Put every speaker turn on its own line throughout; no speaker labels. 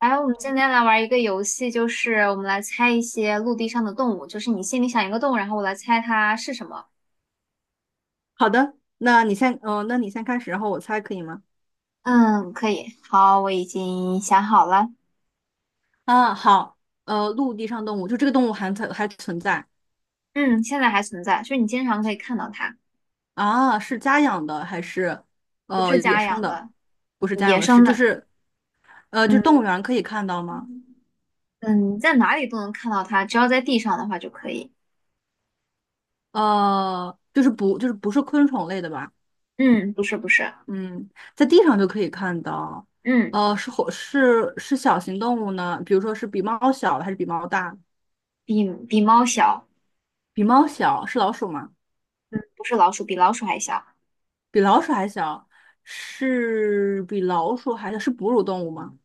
来，我们今天来玩一个游戏，就是我们来猜一些陆地上的动物，就是你心里想一个动物，然后我来猜它是什么。
好的，那你先，那你先开始，然后我猜可以吗？
嗯，可以。好，我已经想好了。
啊，好，陆地上动物，就这个动物还存在。
嗯，现在还存在，就是你经常可以看到它，
啊？是家养的还是
不是
野
家
生
养
的？
的，
不是家养
野
的，是
生
就
的。
是呃，就是动
嗯
物园可以看到吗？
嗯，在哪里都能看到它，只要在地上的话就可以。
呃，不是昆虫类的吧？
嗯，不是，
嗯，在地上就可以看到。
嗯，
呃，是火是是小型动物呢？比如说是比猫小还是比猫大？
比猫小，
比猫小是老鼠吗？
不是老鼠，比老鼠还小。
比老鼠还小，是比老鼠还小，是哺乳动物吗？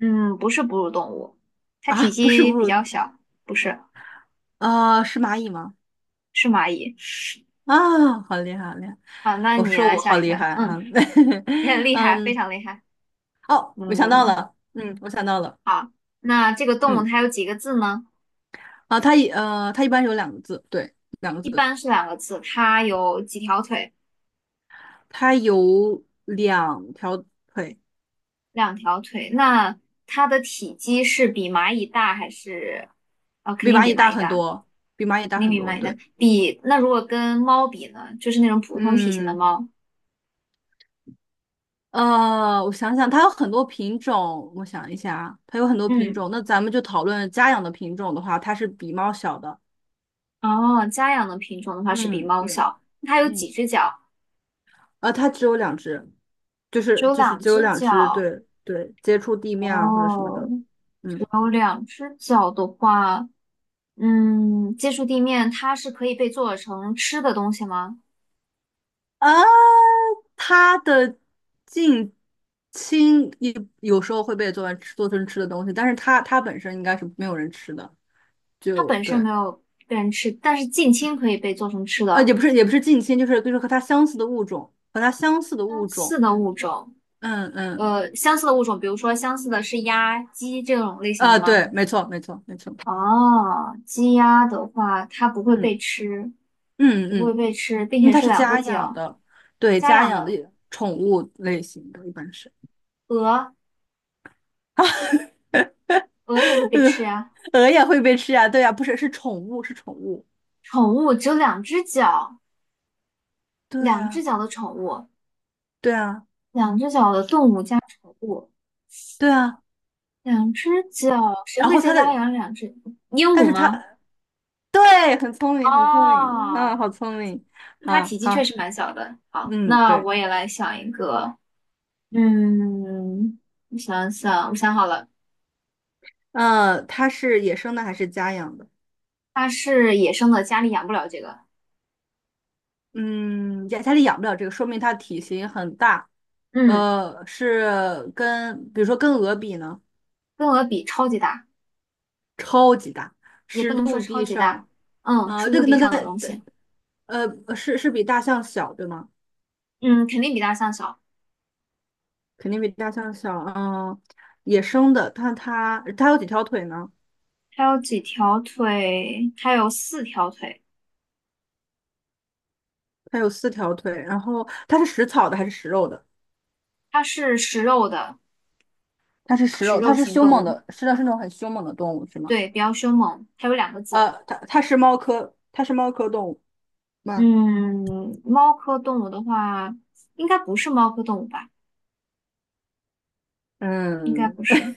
嗯，不是哺乳动物，它体
啊，不是
积
哺
比
乳，
较小，不是，
啊，是蚂蚁吗？
是蚂蚁。
啊，好厉害，好厉害！
好，那
我是
你
说
来
我
下
好
一个。
厉害
嗯，
啊，
你很 厉害，非
嗯，
常厉害。
哦，我想到
嗯，
了，嗯，我想到了。
那这个动物
嗯，
它有几个字呢？
啊，它一般有两个字，对，两个
一
字，
般是两个字。它有几条腿？
它有两条腿，
两条腿。那它的体积是比蚂蚁大还是？哦，肯
比
定
蚂
比
蚁
蚂
大
蚁
很
大，
多，比蚂蚁
肯
大
定
很
比
多，
蚂蚁大。
对。
比，那如果跟猫比呢？就是那种普通体型的
嗯，
猫。
呃，我想想，它有很多品种，我想一下啊，它有很多品
嗯，
种。那咱们就讨论家养的品种的话，它是比猫小的。
哦，家养的品种的话是比
嗯，
猫
对。
小。它有几
嗯，
只脚？
啊，它只有两只，就
只
是
有
就是
两
只有
只
两只，
脚。
对，接触地面啊或者什么
哦，
的。嗯，
只有两只脚的话，嗯，接触地面，它是可以被做成吃的东西吗？
啊，它的近亲也有时候会被做成吃做成吃的东西，但是它本身应该是没有人吃的，
它
就
本身
对。
没有被人吃，但是近亲可以被做成吃
呃，也
的。
不是也不是近亲，就是和它相似的物种，和它相似的物
相似
种。
的物种，
嗯，
呃，相似的物种，比如说相似的是鸭、鸡这种类型的
啊，
吗？
对，没错。
哦，鸡鸭的话，它不会被
嗯
吃，
嗯
不会
嗯。
被吃，并
嗯，
且
它
是
是
两个
家养
脚。
的，对，
家
家
养
养的
的
宠物类型的，一般是。
鹅，鹅也会被
鹅
吃呀。
鹅也会被吃呀？对呀，不是是宠物是宠物，
宠物只有两只脚。
对
两只
啊
脚的宠物，
对啊
两只脚的动物加宠物，
对啊。
两只脚，谁
然
会
后
在
它
家
的，
养两只鹦
但
鹉
是它
吗？
对，很聪明很聪明，
哦，
啊，好聪明，
它
好
体积确
好。
实蛮小的。好，
嗯，
那
对，
我也来想一个，嗯，我想想，我想好了，
呃，它是野生的还是家养的？
它是野生的，家里养不了这个。
嗯，家里养不了这个，说明它体型很大。
嗯，
呃，是跟比如说跟鹅比呢，
跟鹅比超级大，
比大
也
是
不能说
陆
超
地
级大，
上，
嗯，
呃，
是
这
陆
个
地
那个
上的东西，
是是比大象小对吗？
嗯，肯定比大象小。
肯定比大象小。嗯、野生的，但它有几条腿呢？
它有几条腿？它有四条腿。
它有四条腿。然后它是食草的还是食肉的？
它是食肉的。
它是食
食
肉，它
肉
是
型
凶
动
猛
物，
的，是的是那种很凶猛的动物是吗？
对，比较凶猛。还有两个字，
呃，它是猫科动物吗？
嗯，猫科动物的话，应该不是猫科动物吧？应该
嗯，
不是。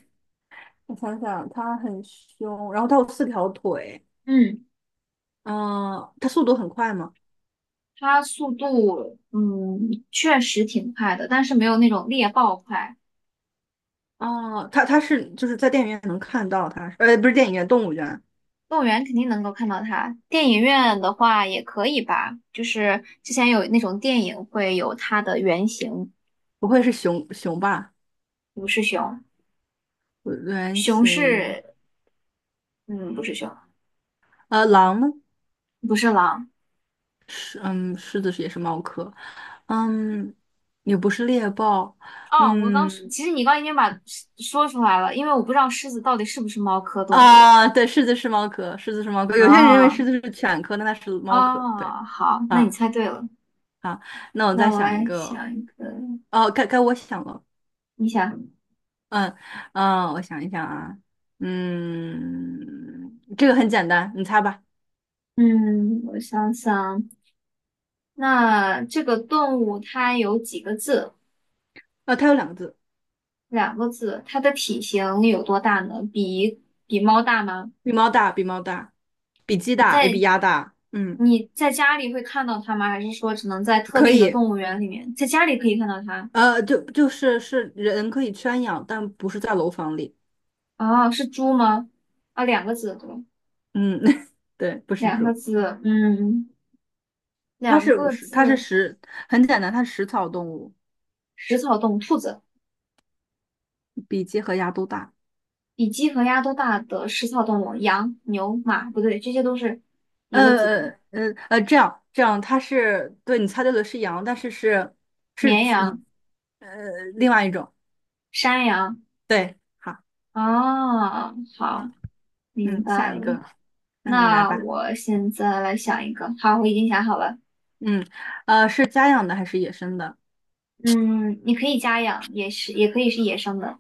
我想想，它很凶，然后它有四条腿。
嗯，
嗯、它速度很快吗？
它速度，嗯，确实挺快的，但是没有那种猎豹快。
啊、它是就是在电影院能看到它，呃，不是电影院，动物园，
动物园肯定能够看到它，电影院的话也可以吧。就是之前有那种电影会有它的原型，
不会是熊熊吧？
不是熊，
原
熊
型，
是，嗯，不是熊，
呃，狼呢
不是狼。
狮，嗯，狮子是也是猫科。嗯，也不是猎豹。
哦，我刚说，
嗯，
其实你刚已经把说出来了，因为我不知道狮子到底是不是猫科动物
啊，对，狮子是猫科，狮子是猫科，有些人认为
啊
狮子是犬科，那它是猫科，对。
啊，好，那你
啊
猜对了。
啊，那我
那
再
我
想一
来
个，
想一个，
哦，该我想了。
你想，
嗯嗯，我想一想啊，嗯，这个很简单，你猜吧。
嗯，我想想，那这个动物它有几个字？
呃，它有两个字，
两个字。它的体型有多大呢？比猫大吗？
比猫大，比猫大，比鸡大，也比鸭大。嗯，
你在家里会看到它吗？还是说只能在特
可
定的
以。
动物园里面？在家里可以看到它？
呃，就是人可以圈养，但不是在楼房里。
哦，是猪吗？啊，两个字，对吧？
嗯，对，不是
两个
猪，
字，嗯，两个
它是
字，
食，很简单，它是食草动物，
食草动物，兔子，
比鸡和鸭都大。
比鸡和鸭都大的食草动物，羊、牛、马，不对，这些都是一个字的，
这样，它是对你猜对了，是羊，但是是是
绵
以
羊、
呃另外一种。
山羊。
对。好。
啊，好，
嗯
明
嗯，
白
下一
了。
个，嗯，你来
那
吧。
我现在来想一个，好，我已经想好了。
嗯，呃，是家养的还是野生的？
嗯，你可以家养，也是，也可以是野生的。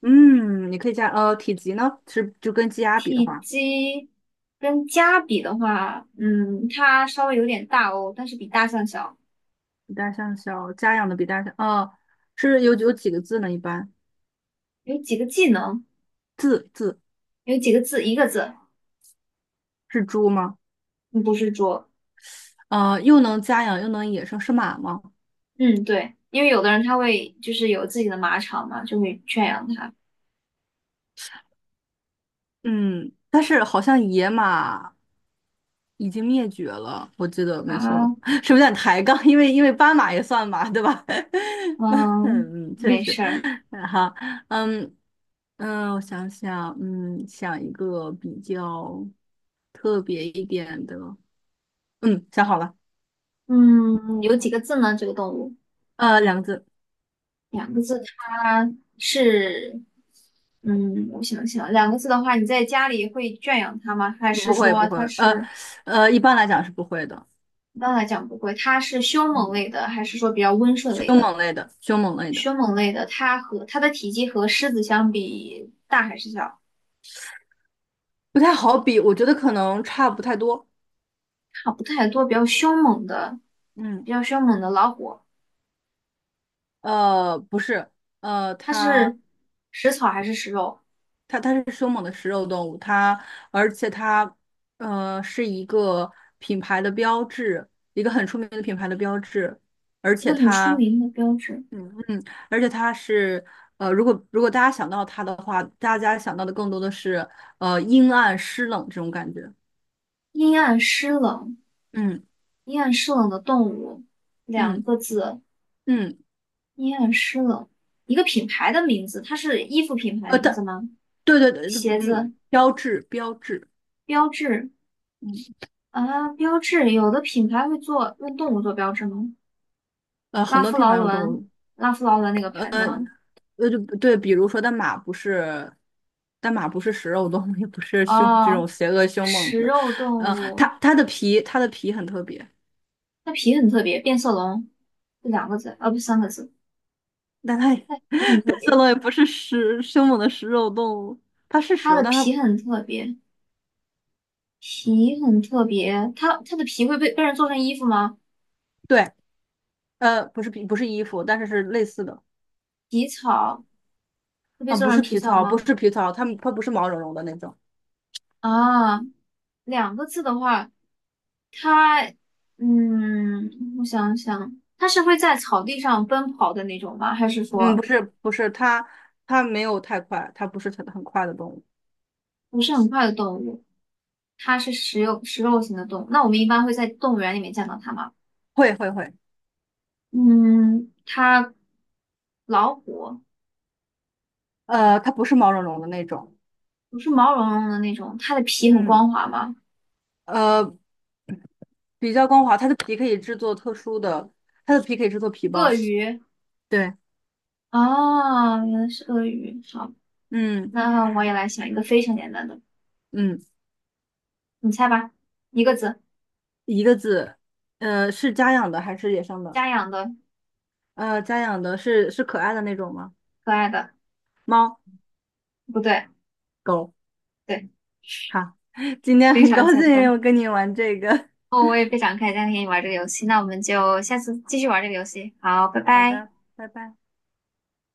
嗯，你可以加，呃，体积呢是就跟鸡鸭比的
体
话，
积跟家比的话，嗯，它稍微有点大哦，但是比大象小。
比大象小，家养的比大象，呃，是有几个字呢？一般
有几个技能？
字
有几个字，一个字，
是猪吗？
嗯不是桌。
呃，又能家养又能野生是马吗？
嗯，对，因为有的人他会就是有自己的马场嘛，就会圈养它
嗯，但是好像野马已经灭绝了，我记得没错的话，
啊。
是不是有点抬杠？因为斑马也算马，对吧？
嗯，
嗯，确
没
实。
事儿。
嗯好。嗯。嗯，我想想，嗯，想一个比较特别一点的。嗯，想好了。
嗯，有几个字呢？这个动物
呃，两个字，
两个字，它是嗯，我想想，两个字的话，你在家里会圈养它吗？还是
不会，
说
不会，
它
呃，
是
呃，一般来讲是不会的。
一般来讲不会？它是凶猛
嗯，
类的，还是说比较温顺
凶
类的？
猛类的，凶猛类的，
凶猛类的，它和它的体积和狮子相比大还是小？
不太好比，我觉得可能差不太多。
差不太多，比较凶猛的，比
嗯，
较凶猛的老虎，
呃，不是，呃，
它
它，
是食草还是食肉？
它，它是凶猛的食肉动物，它，而且它，呃，是一个品牌的标志，一个很出名的品牌的标志，而
一个
且
很出
它。
名的标志。
嗯。而且它是呃，如果大家想到它的话，大家想到的更多的是呃阴暗湿冷这种感觉。
阴暗湿冷，
嗯
阴暗湿冷的动物，两
嗯
个字，
嗯，
阴暗湿冷。一个品牌的名字，它是衣服品牌
呃，
名字
它
吗？
对，
鞋子
嗯，标志，
标志啊，标志，有的品牌会做用动物做标志吗？
呃，
拉
很多
夫
平
劳
凡的动
伦，
物，
拉夫劳伦那个牌子吗？
呃，就对，比如说但马不是，但马不是食肉动物，也不是凶这
哦，
种邪恶凶猛
食
的。
肉动
呃，
物，
它的皮很特别，
它皮很特别，变色龙是两个字，啊，不三个字。
但它也
它皮很
变
特
色
别，
龙也不是食凶猛的食肉动物，它是食
它
肉，
的
但它。
皮很特别，皮很特别。它的皮会被人做成衣服吗？
对。呃，不是皮，不是衣服，但是是类似的。
皮草会被
啊，
做
不
成
是
皮
皮
草
草，不
吗？
是皮草，它不是毛茸茸的那种。
啊，两个字的话，它嗯，我想想，它是会在草地上奔跑的那种吗？还是
嗯，不
说
是不是，它它没有太快，它不是很快的动物，
不是很快的动物？它是食肉型的动物。那我们一般会在动物园里面见到它吗？
会，
嗯，它老虎。
呃，它不是毛茸茸的那种。
不是毛茸茸的那种，它的皮很
嗯，
光滑吗？
呃，比较光滑，它的皮可以制作特殊的，它的皮可以制作皮包，
鳄鱼
对。
哦，原来是鳄鱼。好，
嗯
那我也来想一个非常简单的，
嗯，
你猜吧，一个字，
一个字，呃，是家养的还是野生的？
家养的，
呃，家养的是是可爱的那种吗？
可爱的，
猫
不对，
狗。
对，
好，今天
非
很
常
高
简
兴
单。
又跟你玩这个。
哦，我也非常开心今天跟你玩这个游戏，那我们就下次继续玩这个游戏。好，拜
好
拜。
的，拜拜。